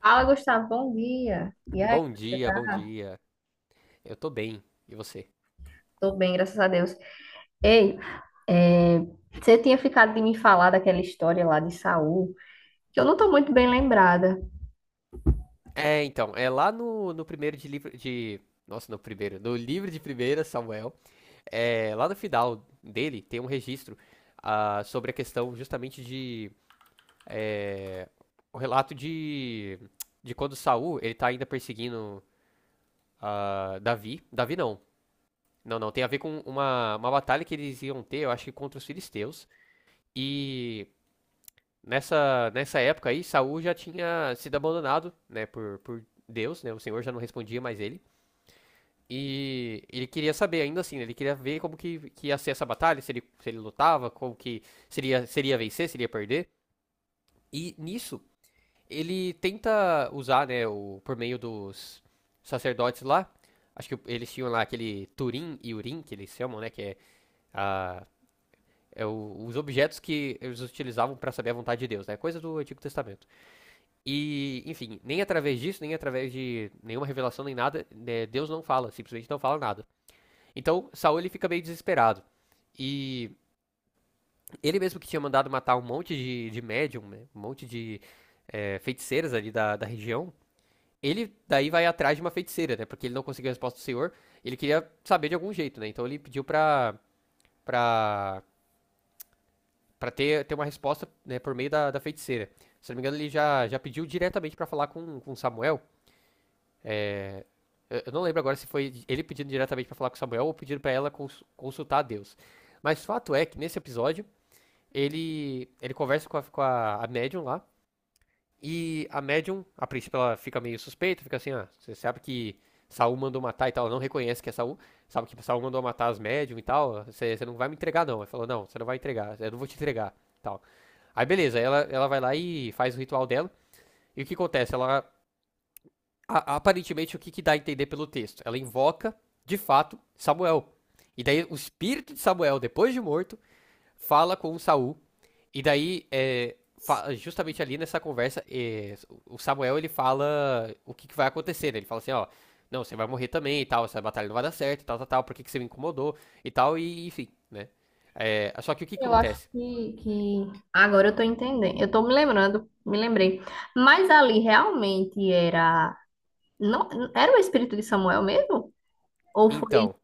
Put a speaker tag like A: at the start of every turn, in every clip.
A: Fala, Gustavo, bom dia. E aí,
B: Bom
A: você
B: dia, bom
A: tá?
B: dia. Eu tô bem. E você?
A: Tô bem, graças a Deus. Ei, é, você tinha ficado de me falar daquela história lá de Saul, que eu não tô muito bem lembrada.
B: É lá no primeiro de livro de. Nossa, no primeiro. No livro de primeira, Samuel. É, lá no final dele tem um registro sobre a questão justamente de. O relato de. De quando Saul ele tá ainda perseguindo Davi. Davi não. Não, não. Tem a ver com uma, batalha que eles iam ter, eu acho que contra os filisteus. E nessa época aí, Saul já tinha sido abandonado, né, por Deus, né? O Senhor já não respondia mais ele. E ele queria saber ainda assim, né, ele queria ver como que ia ser essa batalha, se ele lutava, como que seria, seria vencer, seria perder. E nisso, ele tenta usar, né, o, por meio dos sacerdotes lá, acho que eles tinham lá aquele Turim e Urim, que eles chamam, né, que é, a, os objetos que eles utilizavam para saber a vontade de Deus, né, coisa do Antigo Testamento. E, enfim, nem através disso, nem através de nenhuma revelação, nem nada, né, Deus não fala, simplesmente não fala nada. Então, Saul ele fica meio desesperado. E ele mesmo que tinha mandado matar um monte de médium, né, um monte de feiticeiras ali da, região, ele daí vai atrás de uma feiticeira, né? Porque ele não conseguiu a resposta do senhor, ele queria saber de algum jeito, né? Então ele pediu pra, pra ter uma resposta né, por meio da, feiticeira. Se não me engano, ele já pediu diretamente pra falar com, Samuel. É, eu não lembro agora se foi ele pedindo diretamente pra falar com Samuel ou pedindo pra ela consultar a Deus. Mas o fato é que nesse episódio, ele conversa com a, médium lá. E a médium, a princípio, ela fica meio suspeita, fica assim, ah, você sabe que Saul mandou matar e tal, ela não reconhece que é Saul, sabe que Saul mandou matar as médium e tal, você não vai me entregar não. Ela falou, não, você não vai entregar, eu não vou te entregar, tal. Aí beleza, ela vai lá e faz o ritual dela. E o que acontece? Aparentemente, o que dá a entender pelo texto? Ela invoca, de fato, Samuel. E daí o espírito de Samuel, depois de morto, fala com Saul. E daí, justamente ali nessa conversa, o Samuel ele fala o que vai acontecer, né? Ele fala assim, ó, não, você vai morrer também e tal, essa batalha não vai dar certo e tal, tal, tal, por que você me incomodou e tal, e enfim, né? É, só que o que que
A: Eu acho
B: acontece?
A: que agora eu tô entendendo. Eu tô me lembrando, me lembrei. Mas ali realmente era não era o espírito de Samuel mesmo? Ou foi
B: Então,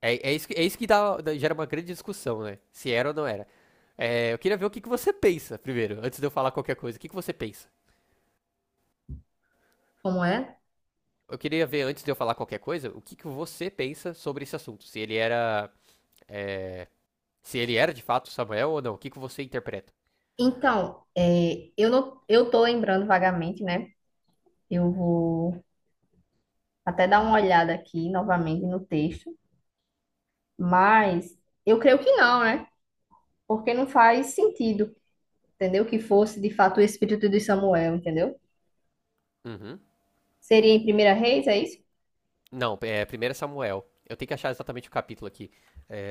B: É isso que gera uma grande discussão, né? Se era ou não era. É, eu queria ver o que você pensa primeiro, antes de eu falar qualquer coisa. O que você pensa?
A: como é?
B: Eu queria ver, antes de eu falar qualquer coisa, o que você pensa sobre esse assunto. Se ele era. é, Se ele era de fato Samuel ou não. O que você interpreta?
A: Então, eu não eu tô lembrando vagamente, né? Eu vou até dar uma olhada aqui novamente no texto. Mas eu creio que não, né? Porque não faz sentido, entendeu? Que fosse de fato o espírito de Samuel, entendeu?
B: Uhum.
A: Seria em Primeira Reis, é isso?
B: Não, é, 1 Samuel. Eu tenho que achar exatamente o capítulo aqui.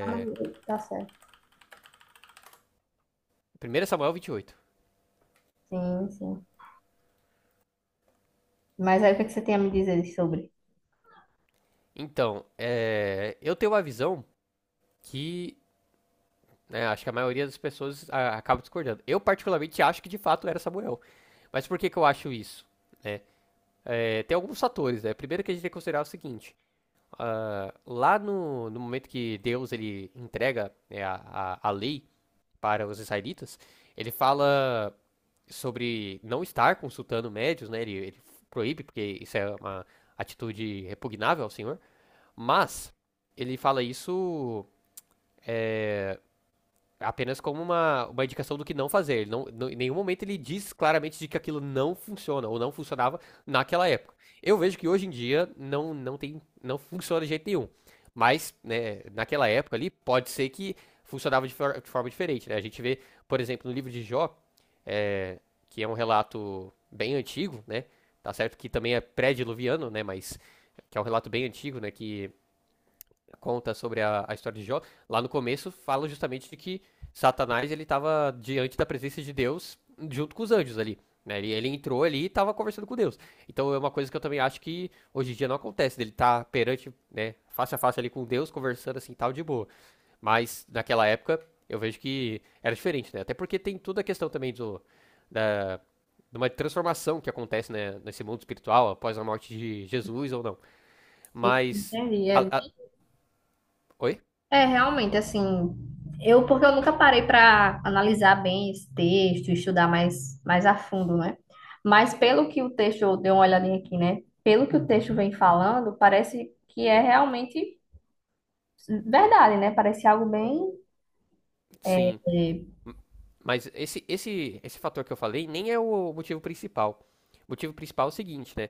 A: Ah, mas tá certo.
B: 1 Samuel 28.
A: Sim, sim. Mas aí o que é que você tem a me dizer sobre?
B: Então, é, eu tenho uma visão que né? Acho que a maioria das pessoas acaba discordando. Eu, particularmente, acho que de fato era Samuel. Mas por que eu acho isso? Né? É, tem alguns fatores, né? Primeiro que a gente tem que considerar o seguinte: lá no momento que Deus ele entrega né, a, a lei para os israelitas, ele fala sobre não estar consultando médios, né? Ele proíbe, porque isso é uma atitude repugnável ao Senhor, mas ele fala isso é, apenas como uma, indicação do que não fazer. Ele em nenhum momento ele diz claramente de que aquilo não funciona ou não funcionava naquela época. Eu vejo que hoje em dia não tem, não funciona de jeito nenhum. Mas, né, naquela época ali, pode ser que funcionava de forma diferente, né? A gente vê, por exemplo, no livro de Jó, é, que é um relato bem antigo, né? Tá certo que também é pré-diluviano, né? Mas que é um relato bem antigo, né? Que conta sobre a, história de Jó, lá no começo fala justamente de que Satanás ele estava diante da presença de Deus junto com os anjos ali. Né? Ele entrou ali e estava conversando com Deus. Então é uma coisa que eu também acho que hoje em dia não acontece, dele estar tá perante, né, face a face ali com Deus, conversando assim tal de boa. Mas naquela época eu vejo que era diferente, né? Até porque tem toda a questão também do, da, de uma transformação que acontece né, nesse mundo espiritual após a morte de Jesus ou não.
A: Sim,
B: Mas.
A: entendi. É,
B: a- a- Oi?
A: é realmente assim. Eu, porque eu nunca parei para analisar bem esse texto, estudar mais a fundo, né? Mas pelo que o texto, eu dei uma olhadinha aqui, né? Pelo que o texto vem falando, parece que é realmente verdade, né? Parece algo bem
B: Sim.
A: É
B: Mas esse fator que eu falei nem é o motivo principal. O motivo principal é o seguinte, né?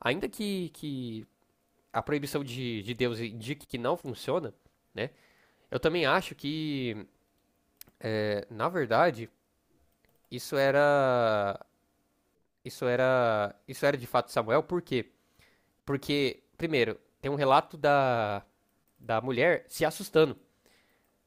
B: Ainda que a proibição de Deus indique que não funciona, né? Eu também acho que, na verdade, isso era. Isso era. Isso era de fato Samuel, por quê? Porque, primeiro, tem um relato da, mulher se assustando.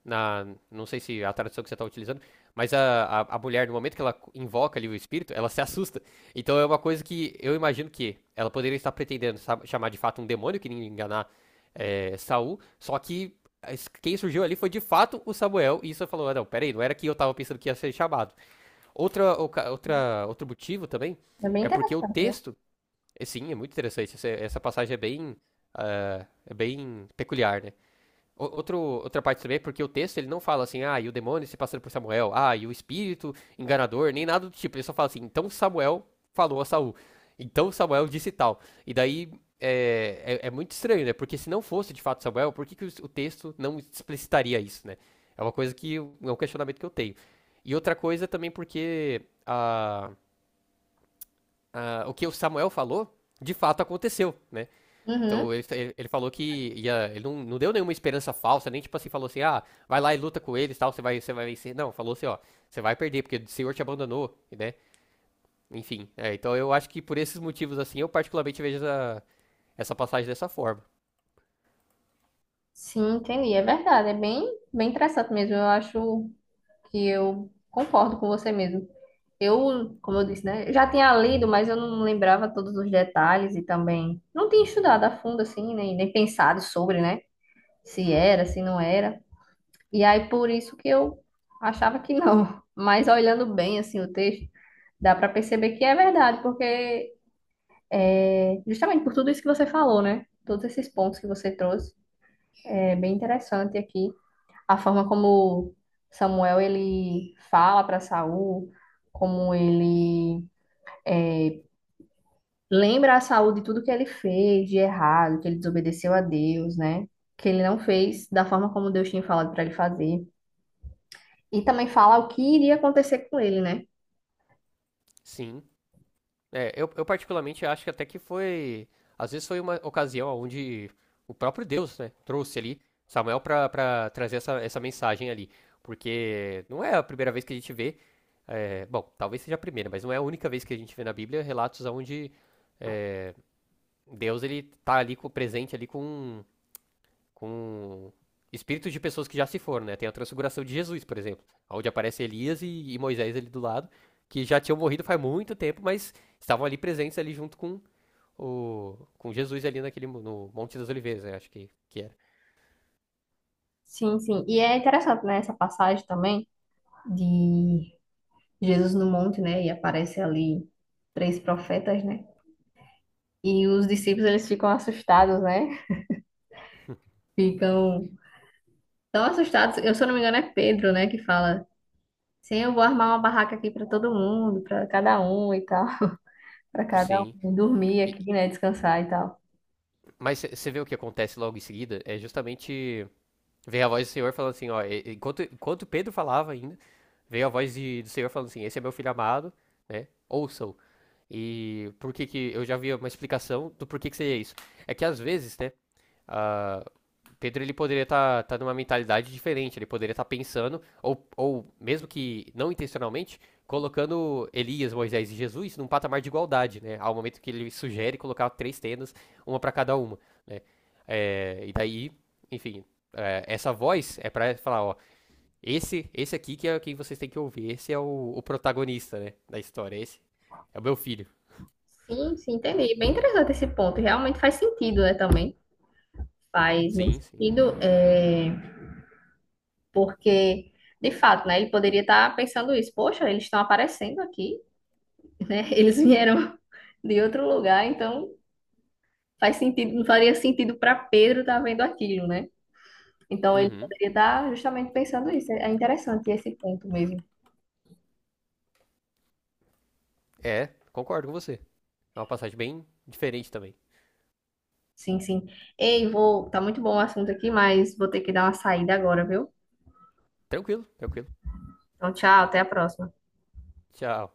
B: Na, não sei se a tradução que você está utilizando, mas a, mulher, no momento que ela invoca ali o espírito, ela se assusta. Então é uma coisa que eu imagino que ela poderia estar pretendendo chamar de fato um demônio que iria enganar Saul, só que quem surgiu ali foi de fato o Samuel, e isso falou, ah, não, peraí, não era que eu estava pensando que ia ser chamado. Outro motivo também
A: é bem
B: é porque o
A: interessante, né?
B: texto, é, sim, é muito interessante, essa passagem é bem, é bem peculiar, né? Outra parte também é porque o texto ele não fala assim, ah, e o demônio se passando por Samuel, ah, e o espírito enganador, nem nada do tipo. Ele só fala assim, então Samuel falou a Saul. Então Samuel disse tal. E daí é muito estranho, né? Porque se não fosse de fato Samuel, por que o texto não explicitaria isso, né? É uma coisa que. Eu- É um questionamento que eu tenho. E outra coisa também porque a, o que o Samuel falou, de fato aconteceu, né?
A: Uhum.
B: Então falou que ia, ele não, não deu nenhuma esperança falsa, nem tipo assim, falou assim, ah, vai lá e luta com eles, tal, você vai vencer. Não, falou assim, ó, você vai perder, porque o Senhor te abandonou, né? Enfim, é, então eu acho que por esses motivos assim, eu particularmente vejo essa, passagem dessa forma.
A: Sim, entendi. É verdade. Bem interessante mesmo. Eu acho que eu concordo com você mesmo. Eu, como eu disse, né? Já tinha lido, mas eu não lembrava todos os detalhes e também não tinha estudado a fundo, assim, nem pensado sobre, né? Se era, se não era. E aí, por isso que eu achava que não. Mas olhando bem, assim, o texto, dá para perceber que é verdade, porque é justamente por tudo isso que você falou, né? Todos esses pontos que você trouxe. É bem interessante aqui a forma como Samuel ele fala para Saul, como ele lembra a Saul de tudo que ele fez de errado, que ele desobedeceu a Deus, né? Que ele não fez da forma como Deus tinha falado para ele fazer. E também fala o que iria acontecer com ele, né?
B: Sim. É, eu particularmente acho que até que foi. Às vezes foi uma ocasião onde o próprio Deus, né, trouxe ali Samuel para trazer essa, mensagem ali. Porque não é a primeira vez que a gente vê. É, bom, talvez seja a primeira, mas não é a única vez que a gente vê na Bíblia relatos onde Deus ele tá ali presente ali com um com espíritos de pessoas que já se foram, né? Tem a transfiguração de Jesus, por exemplo, onde aparece Elias e Moisés ali do lado, que já tinham morrido faz muito tempo, mas estavam ali presentes ali junto com o com Jesus ali naquele no Monte das Oliveiras, né? Acho que era.
A: Sim, sim. E é interessante, né, essa passagem também de Jesus no monte, né? E aparece ali três profetas, né? E os discípulos eles ficam assustados, né? Ficam nossa, o status, eu, se eu não me engano, é Pedro, né, que fala. Sim, eu vou armar uma barraca aqui pra todo mundo, pra cada um e tal, pra cada
B: Sim.
A: um dormir
B: E-
A: aqui, né, descansar e tal.
B: mas você vê o que acontece logo em seguida? É justamente veio a voz do Senhor falando assim, ó, enquanto Pedro falava ainda, veio a voz do Senhor falando assim, esse é meu filho amado, né? Ouçam. E por que que eu já vi uma explicação do porquê que seria isso. É que às vezes, né, ah, Pedro ele poderia estar tá numa mentalidade diferente, ele poderia estar pensando ou mesmo que não intencionalmente colocando Elias, Moisés e Jesus num patamar de igualdade, né? Ao momento que ele sugere colocar três tendas, uma para cada uma, né? É, e daí, enfim, é, essa voz é para falar, ó, esse aqui que é quem vocês têm que ouvir, esse é o, protagonista, né, da história, esse é o meu filho.
A: Sim, sim, entendi. Bem interessante esse ponto. Realmente faz sentido, né, também. Faz muito
B: Sim, sim.
A: sentido, é, porque, de fato, né, ele poderia estar pensando isso. Poxa, eles estão aparecendo aqui, né? Eles vieram de outro lugar, então faz sentido, não faria sentido pra Pedro estar vendo aquilo, né? Então ele
B: Uhum.
A: poderia estar justamente pensando isso. É interessante esse ponto mesmo.
B: É, concordo com você. É uma passagem bem diferente também.
A: Sim, sim. Ei, vou. Tá muito bom o assunto aqui, mas vou ter que dar uma saída agora, viu?
B: Tranquilo, tranquilo.
A: Então, tchau, até a próxima.
B: Tchau.